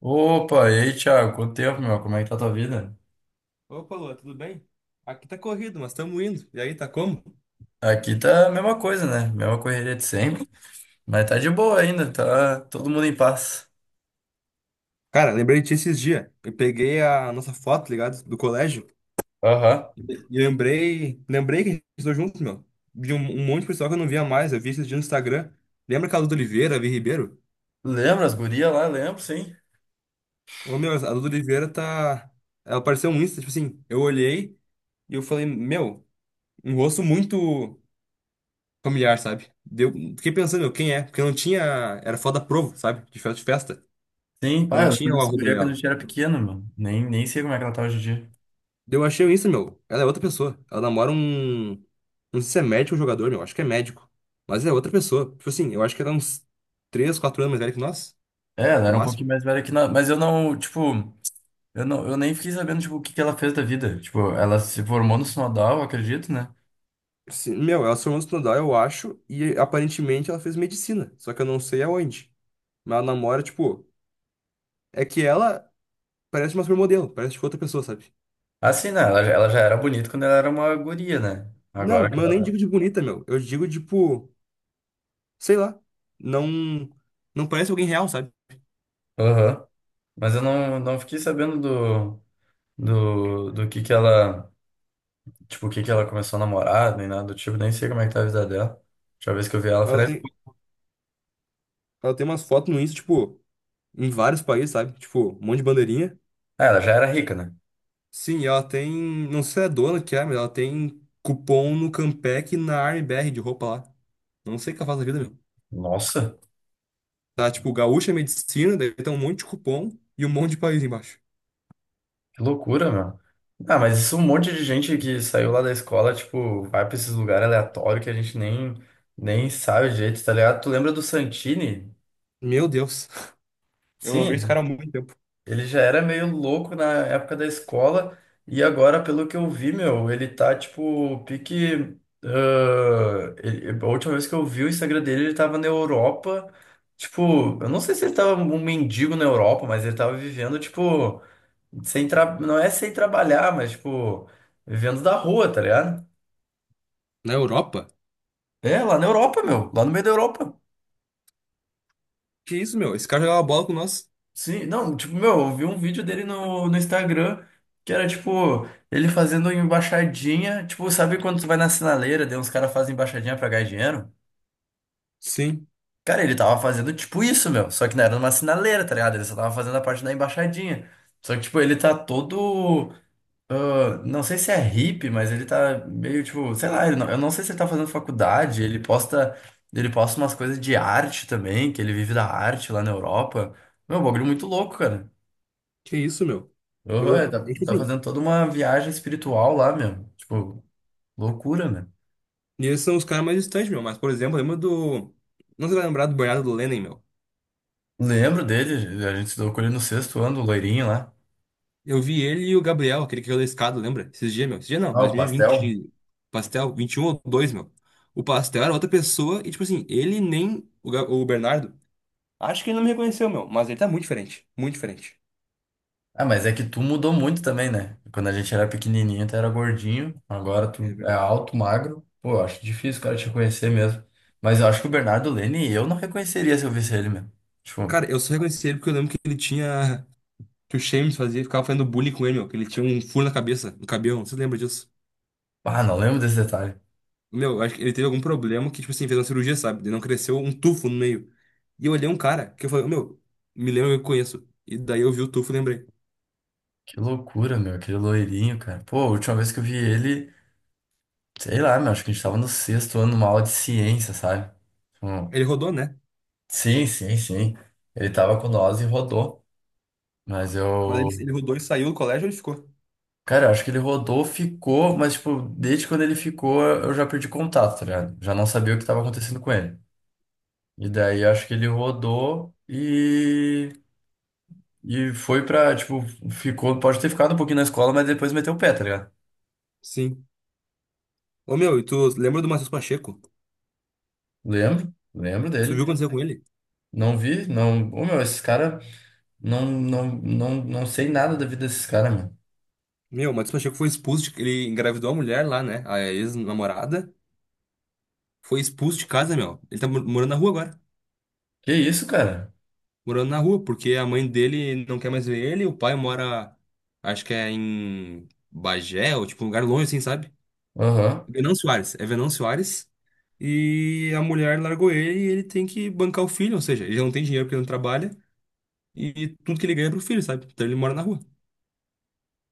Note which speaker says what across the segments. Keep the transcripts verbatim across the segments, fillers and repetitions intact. Speaker 1: Opa, e aí, Thiago? Quanto tempo, meu? Como é que tá a tua vida?
Speaker 2: Opa, Lua, tudo bem? Aqui tá corrido, mas estamos indo. E aí, tá como?
Speaker 1: Aqui tá a mesma coisa, né? Mesma correria de sempre, mas tá de boa ainda, tá todo mundo em paz.
Speaker 2: Cara, lembrei de ti esses dias. Eu peguei a nossa foto, tá ligado? Do colégio.
Speaker 1: Aham.
Speaker 2: E lembrei, lembrei que a gente estudou junto, meu. De um, um monte de pessoal que eu não via mais. Eu vi esses dias no Instagram. Lembra aquela Duda Oliveira, a Vi Ribeiro?
Speaker 1: Lembra as gurias lá? Lembro, sim.
Speaker 2: Ô, meu, a Duda Oliveira tá. Ela apareceu um Insta, tipo assim. Eu olhei e eu falei, meu, um rosto muito familiar, sabe? Deu... Fiquei pensando, meu, quem é? Porque não tinha. Era foto da Provo, sabe? De festa de festa.
Speaker 1: Sim, pai,
Speaker 2: Não
Speaker 1: eu lembro
Speaker 2: tinha o
Speaker 1: dessa
Speaker 2: arroba
Speaker 1: guria quando a
Speaker 2: dela.
Speaker 1: gente era pequeno, mano. Nem, nem sei como é que ela tá hoje em dia.
Speaker 2: Eu achei isso, meu. Ela é outra pessoa. Ela namora um. Não sei se é médico ou jogador, meu. Acho que é médico. Mas é outra pessoa. Tipo assim, eu acho que ela é uns três quatro anos mais velha que nós.
Speaker 1: É, ela
Speaker 2: No
Speaker 1: era um pouquinho
Speaker 2: máximo.
Speaker 1: mais velha que nós, mas eu não, tipo, eu não, eu nem fiquei sabendo, tipo, o que que ela fez da vida. Tipo, ela se formou no Sinodal, eu acredito, né?
Speaker 2: Sim, meu, ela se formou no Estudar, eu acho. E aparentemente ela fez medicina. Só que eu não sei aonde. Mas ela namora, tipo. É que ela parece uma supermodelo. Parece tipo outra pessoa, sabe?
Speaker 1: Assim, né? Ela, já- ela já era bonita quando ela era uma guria, né?
Speaker 2: Não,
Speaker 1: Agora que
Speaker 2: mas eu
Speaker 1: ela
Speaker 2: nem digo
Speaker 1: tá.
Speaker 2: de bonita, meu. Eu digo, tipo. Sei lá. Não. Não parece alguém real, sabe?
Speaker 1: Aham. Mas eu não, não fiquei sabendo do, do, do que que ela, tipo, o que que ela começou a namorar, nem nada do tipo, nem sei como é que tá a vida dela. A última vez que eu vi ela foi
Speaker 2: Ela
Speaker 1: na
Speaker 2: tem,
Speaker 1: escola.
Speaker 2: ela tem umas fotos no Insta, tipo. Em vários países, sabe? Tipo, um monte de bandeirinha.
Speaker 1: Ah, ela já era rica, né?
Speaker 2: Sim, ela tem. Não sei se é a dona que é, mas ela tem cupom no Campec e na Armbr de roupa lá. Não sei o que ela faz da vida, meu.
Speaker 1: Nossa,
Speaker 2: Tá, tipo, Gaúcha é Medicina, daí tem um monte de cupom e um monte de país embaixo.
Speaker 1: que loucura, meu. Ah, mas isso é um monte de gente que saiu lá da escola, tipo, vai pra esses lugares aleatórios que a gente nem, nem sabe o, tá ligado? Tu lembra do Santini?
Speaker 2: Meu Deus. Eu não vejo esse
Speaker 1: Sim.
Speaker 2: cara há muito tempo.
Speaker 1: Ele já era meio louco na época da escola, e agora, pelo que eu vi, meu, ele tá tipo, pique. Ah, ele- a última vez que eu vi o Instagram dele, ele tava na Europa. Tipo, eu não sei se ele tava um mendigo na Europa, mas ele tava vivendo, tipo, sem tra... não é sem trabalhar, mas, tipo, vivendo da rua, tá ligado?
Speaker 2: Na Europa?
Speaker 1: É, lá na Europa, meu, lá no meio da Europa.
Speaker 2: Que isso, meu? Esse cara jogava bola com nós.
Speaker 1: Sim, não, tipo, meu, eu vi um vídeo dele no, no Instagram que era tipo, ele fazendo uma embaixadinha. Tipo, sabe quando tu vai na sinaleira, daí uns caras fazem embaixadinha pra ganhar dinheiro?
Speaker 2: Sim.
Speaker 1: Cara, ele tava fazendo tipo isso, meu. Só que não era numa sinaleira, tá ligado? Ele só tava fazendo a parte da embaixadinha. Só que, tipo, ele tá todo. Ah, não sei se é hippie, mas ele tá meio tipo, sei lá, ele não- eu não sei se ele tá fazendo faculdade. Ele posta, ele posta umas coisas de arte também, que ele vive da arte lá na Europa. Meu, bagulho muito louco, cara.
Speaker 2: Que isso, meu?
Speaker 1: Oh, é,
Speaker 2: Eu.
Speaker 1: tá,
Speaker 2: É que
Speaker 1: tá
Speaker 2: assim.
Speaker 1: fazendo toda uma viagem espiritual lá, meu. Tipo, loucura, né?
Speaker 2: E esses são os caras mais distantes, meu. Mas, por exemplo, lembra do. Não sei se vai lembrar do Bernardo Lennon, meu.
Speaker 1: Lembro dele, a gente se deu com ele no sexto ano, o loirinho lá.
Speaker 2: Eu vi ele e o Gabriel, aquele que caiu da escada, lembra? Esses dias, meu. Esses dias não,
Speaker 1: Ah, o pastel.
Speaker 2: dois mil e vinte, pastel, vinte e um ou dois, meu. O pastel era outra pessoa e, tipo assim, ele nem o, Ga- o Bernardo. Acho que ele não me reconheceu, meu, mas ele tá muito diferente. Muito diferente.
Speaker 1: Ah, mas é que tu mudou muito também, né? Quando a gente era pequenininho, tu era gordinho, agora
Speaker 2: É
Speaker 1: tu é
Speaker 2: verdade.
Speaker 1: alto, magro. Pô, eu acho difícil o cara te reconhecer mesmo. Mas eu acho que o Bernardo Lene, eu não reconheceria se eu visse ele, mesmo. Tipo.
Speaker 2: Cara, eu só reconheci ele porque eu lembro que ele tinha. Que o Shames fazia, ficava fazendo bullying com ele, meu. Que ele tinha um furo na cabeça, no cabelo. Você lembra disso?
Speaker 1: Ah, não lembro desse detalhe.
Speaker 2: Meu, eu acho que ele teve algum problema que, tipo assim, fez uma cirurgia, sabe? Ele não cresceu um tufo no meio. E eu olhei um cara que eu falei, meu, me lembra que eu conheço. E daí eu vi o tufo e lembrei.
Speaker 1: Que loucura, meu, aquele loirinho, cara. Pô, a última vez que eu vi ele. Sei lá, meu, acho que a gente tava no sexto ano, uma aula de ciência, sabe? Tipo,
Speaker 2: Ele rodou, né?
Speaker 1: sim, sim, sim. Ele tava com nós e rodou. Mas
Speaker 2: Mas ele,
Speaker 1: eu.
Speaker 2: ele rodou e saiu do colégio e ficou.
Speaker 1: Cara, eu acho que ele rodou, ficou, mas, tipo, desde quando ele ficou, eu já perdi contato, tá ligado? Já não sabia o que tava acontecendo com ele. E daí eu acho que ele rodou e. E foi pra, tipo, ficou. Pode ter ficado um pouquinho na escola, mas depois meteu o pé, tá ligado?
Speaker 2: Sim. Ô, meu, e tu lembra do Matheus Pacheco?
Speaker 1: Lembro, lembro
Speaker 2: Tu viu
Speaker 1: dele.
Speaker 2: o que aconteceu com ele?
Speaker 1: Não vi, não. Ô, meu, esses caras. Não, não, não, não sei nada da vida desses caras, meu.
Speaker 2: Meu, o Matheus Pacheco foi expulso de... Ele engravidou a mulher lá, né? A ex-namorada. Foi expulso de casa, meu. Ele tá mor- morando na rua agora.
Speaker 1: Que isso, cara?
Speaker 2: Morando na rua, porque a mãe dele não quer mais ver ele. O pai mora, acho que é em Bagé, ou tipo um lugar longe, assim, sabe?
Speaker 1: Aham.
Speaker 2: Venão Soares. É Venão Soares. E a mulher largou ele e ele tem que bancar o filho. Ou seja, ele não tem dinheiro porque ele não trabalha. E tudo que ele ganha é pro filho, sabe? Então ele mora na rua.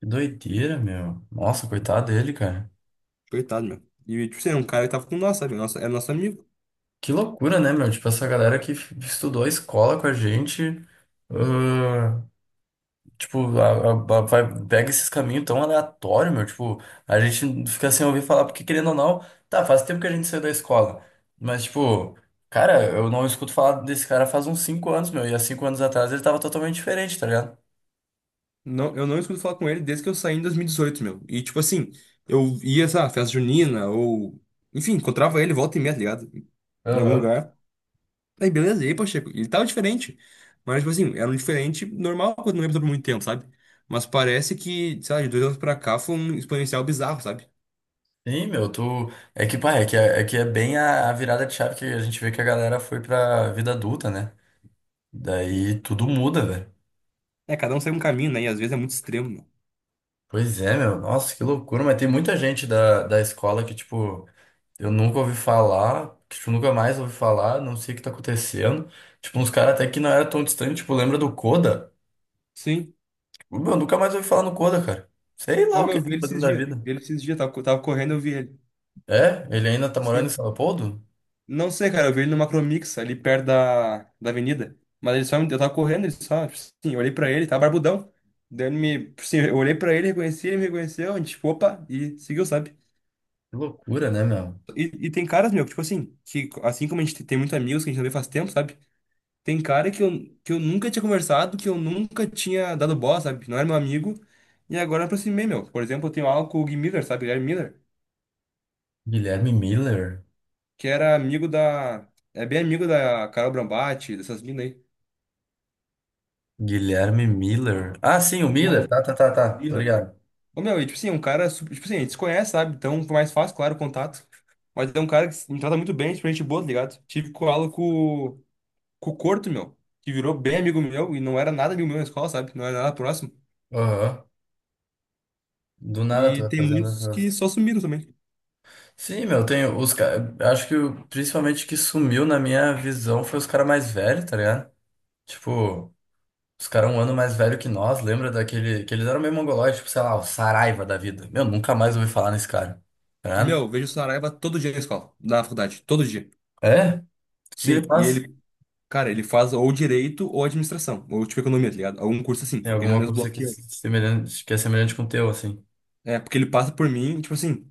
Speaker 1: Que doideira, meu. Nossa, coitado dele, cara.
Speaker 2: Coitado, meu. E, tipo assim, é um cara que tava com nós, sabe? Nossa, é nosso amigo.
Speaker 1: Que loucura, né, meu? Tipo, essa galera que f- estudou a escola com a gente, ah, tipo, a- a- a- vai- pega esses caminhos tão aleatórios, meu. Tipo, a gente fica sem ouvir falar, porque querendo ou não, tá, faz tempo que a gente saiu da escola. Mas, tipo, cara, eu não escuto falar desse cara faz uns cinco anos, meu. E há cinco anos atrás ele tava totalmente diferente, tá ligado?
Speaker 2: Não, eu não escuto falar com ele desde que eu saí em dois mil e dezoito, meu. E, tipo assim, eu ia, sei lá, festa junina, ou... Enfim, encontrava ele volta e meia, tá ligado? Em algum
Speaker 1: Aham.
Speaker 2: lugar. Aí, beleza. E aí, Pacheco? Ele tava diferente. Mas, tipo assim, era um diferente normal quando não lembro por muito tempo, sabe? Mas parece que, sei lá, de dois anos pra cá foi um exponencial bizarro, sabe?
Speaker 1: Sim, meu, tu. É que, pá, é que é, é que é bem a, a virada de chave que a gente vê que a galera foi pra vida adulta, né? Daí tudo muda, velho.
Speaker 2: É, cada um segue um caminho, né? E às vezes é muito extremo, meu.
Speaker 1: Pois é, meu. Nossa, que loucura. Mas tem muita gente da, da escola que, tipo, eu nunca ouvi falar, que, tipo, nunca mais ouvi falar, não sei o que tá acontecendo. Tipo, uns caras até que não era tão distante, tipo, lembra do Coda?
Speaker 2: Sim.
Speaker 1: Tipo, meu, nunca mais ouvi falar no Coda, cara. Sei lá o
Speaker 2: Como
Speaker 1: que
Speaker 2: eu
Speaker 1: ele
Speaker 2: vi
Speaker 1: tá
Speaker 2: ele
Speaker 1: fazendo
Speaker 2: esses
Speaker 1: da
Speaker 2: dias.
Speaker 1: vida.
Speaker 2: Vi ele esses dias, tava, co- tava correndo, eu vi ele.
Speaker 1: É? Ele ainda tá morando em São
Speaker 2: Sim.
Speaker 1: Leopoldo?
Speaker 2: Não sei, cara, eu vi ele no Macromix, ali perto da, da avenida. Mas ele só, me- eu tava correndo, ele só, tipo assim, eu olhei pra ele, tava barbudão. Daí ele me, tipo assim, eu olhei pra ele, reconheci, ele me reconheceu, a gente, tipo, opa, e seguiu, sabe?
Speaker 1: Que loucura, né, meu?
Speaker 2: E, e tem caras, meu, que, tipo assim, que assim como a gente tem muitos amigos que a gente não vê faz tempo, sabe? Tem cara que eu, que eu nunca tinha conversado, que eu nunca tinha dado bola, sabe? Não era meu amigo. E agora eu aproximei, meu. Por exemplo, eu tenho aula com o Gui Miller, sabe? Guilherme Miller.
Speaker 1: Guilherme Miller.
Speaker 2: Que era amigo da. É bem amigo da Carol Brambati, dessas minas aí.
Speaker 1: Guilherme Miller. Ah, sim, o
Speaker 2: Um
Speaker 1: Miller. Tá, tá, tá, tá. Tô
Speaker 2: alpina.
Speaker 1: ligado.
Speaker 2: Ô, meu, e tipo assim, um cara. super- Tipo assim, a gente se conhece, sabe? Então fica mais fácil, claro, o contato. Mas é um cara que me trata muito bem, tipo, gente boa, tá ligado? Tive com aula com, com, o Corto, meu, que virou bem amigo meu e não era nada amigo meu na escola, sabe? Não era nada próximo.
Speaker 1: Aham. Do nada
Speaker 2: E
Speaker 1: tô
Speaker 2: tem
Speaker 1: fazendo
Speaker 2: muitos que
Speaker 1: essas.
Speaker 2: só sumiram também.
Speaker 1: Sim, meu, tenho os caras. Acho que o- principalmente que sumiu na minha visão foi os caras mais velhos, tá ligado? Tipo, os caras um ano mais velho que nós, lembra daquele. Que eles eram meio mongolóides, tipo, sei lá, o Saraiva da vida. Meu, nunca mais ouvi falar nesse cara. Tá ligado?
Speaker 2: Meu, vejo o Saraiva todo dia na escola, na faculdade, todo dia.
Speaker 1: É? O que ele
Speaker 2: Sim, e
Speaker 1: faz?
Speaker 2: ele, cara, ele faz ou direito ou administração, ou tipo economia, tá ligado? Algum curso assim,
Speaker 1: Tem
Speaker 2: porque ele é no
Speaker 1: alguma
Speaker 2: mesmo
Speaker 1: coisa
Speaker 2: bloco.
Speaker 1: que é semelhante, que é semelhante com o teu, assim.
Speaker 2: É, porque ele passa por mim, e, tipo assim,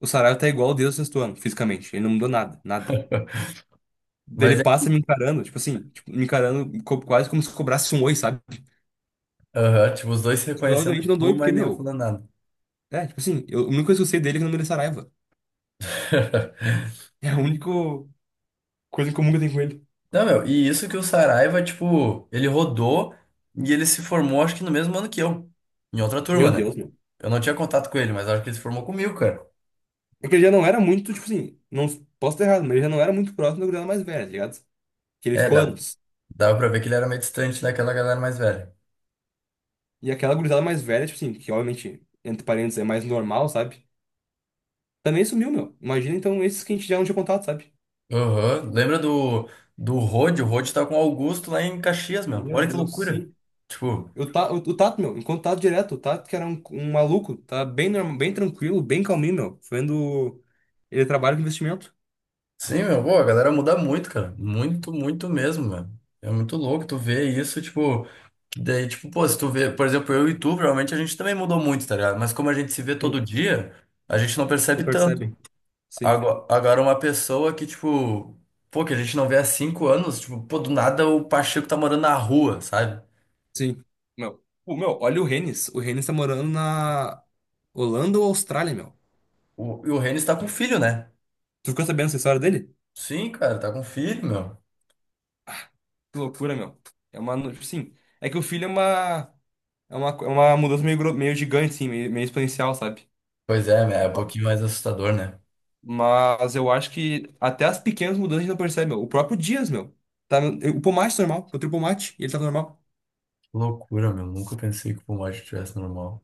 Speaker 2: o Saraiva tá igual desde o sexto ano, fisicamente. Ele não mudou nada, nada. Daí ele
Speaker 1: Mas é.
Speaker 2: passa me encarando, tipo assim, tipo, me encarando co- quase como se cobrasse um oi, sabe?
Speaker 1: Aham, tipo, os dois se
Speaker 2: Eu
Speaker 1: reconhecendo,
Speaker 2: obviamente não dou oi,
Speaker 1: pô,
Speaker 2: porque,
Speaker 1: mas nenhum
Speaker 2: meu,
Speaker 1: falando nada.
Speaker 2: é, tipo assim, eu, a única coisa que eu sei dele é que o nome dele é Saraiva. É a única coisa em comum que eu tenho com ele.
Speaker 1: Não, meu, e isso que o Saraiva, tipo, ele rodou e ele se formou, acho que no mesmo ano que eu, em outra turma,
Speaker 2: Meu
Speaker 1: né?
Speaker 2: Deus, meu.
Speaker 1: Eu não tinha contato com ele, mas acho que ele se formou comigo, cara.
Speaker 2: Porque ele já não era muito, tipo assim, não posso estar errado, mas ele já não era muito próximo da gurizada mais velha, tá ligado? Que ele
Speaker 1: É,
Speaker 2: ficou
Speaker 1: dava,
Speaker 2: anos.
Speaker 1: dava pra ver que ele era meio distante daquela galera mais velha.
Speaker 2: E aquela gurizada mais velha, tipo assim, que obviamente, entre parênteses, é mais normal, sabe? Também sumiu, meu. Imagina então esses que a gente já não tinha contato, sabe?
Speaker 1: Aham. Lembra do, do Rod? O Rod tá com o Augusto lá em Caxias, meu.
Speaker 2: Meu
Speaker 1: Olha que
Speaker 2: Deus,
Speaker 1: loucura.
Speaker 2: sim.
Speaker 1: Tipo,
Speaker 2: O, Ta- o, o Tato, meu, enquanto o direto, o Tato que era um, um maluco, tá bem, norma- bem tranquilo, bem calminho, meu. Vendo. Ele trabalha com investimento.
Speaker 1: sim, meu, pô, a galera muda muito, cara. Muito, muito mesmo, mano. É muito louco tu ver isso, tipo. Daí, tipo, pô, se tu vê, por exemplo, eu e tu, provavelmente a gente também mudou muito, tá ligado? Mas como a gente se vê todo
Speaker 2: Sim.
Speaker 1: dia, a gente não
Speaker 2: Não
Speaker 1: percebe tanto.
Speaker 2: percebem. Sim.
Speaker 1: Ago- Agora, uma pessoa que, tipo, pô, que a gente não vê há cinco anos, tipo, pô, do nada o Pacheco tá morando na rua, sabe?
Speaker 2: Sim. Meu. O meu, olha o Rennes. O Rennes tá morando na Holanda ou Austrália, meu.
Speaker 1: O, e o Renis tá com filho, né?
Speaker 2: Tu ficou sabendo essa história dele?
Speaker 1: Sim, cara, tá com filho, meu.
Speaker 2: Que loucura, meu. É uma. no- Sim. É que o filho é uma. É uma, é uma mudança meio, gro- meio gigante, assim, meio, meio exponencial, sabe?
Speaker 1: Pois é, né? É um pouquinho mais assustador, né?
Speaker 2: Mas eu acho que até as pequenas mudanças a gente não percebe, meu. O próprio Dias, meu. Tá, o pomate tá normal. Botei o pomate e ele tá normal.
Speaker 1: Que loucura, meu. Nunca pensei que o pulmão tivesse normal.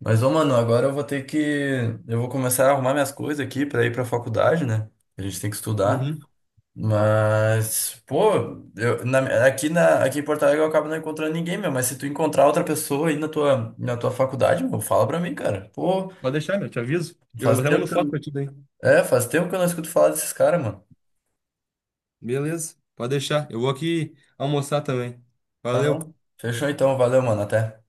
Speaker 1: Mas, ô, mano, agora eu vou ter que. Eu vou começar a arrumar minhas coisas aqui pra ir pra faculdade, né? A gente tem que estudar.
Speaker 2: Uhum.
Speaker 1: Mas, pô, eu, na- aqui, na, aqui em Porto Alegre eu acabo não encontrando ninguém, meu. Mas se tu encontrar outra pessoa aí na tua, na tua faculdade, meu, fala pra mim, cara. Pô,
Speaker 2: Pode deixar, meu. Te aviso. Eu
Speaker 1: faz
Speaker 2: até mando
Speaker 1: tempo que
Speaker 2: foto pra
Speaker 1: eu,
Speaker 2: ti daí.
Speaker 1: é, faz tempo que eu não escuto falar desses caras, mano.
Speaker 2: Beleza. Pode deixar. Eu vou aqui almoçar também.
Speaker 1: Ah,
Speaker 2: Valeu.
Speaker 1: não. Fechou então, valeu, mano, até.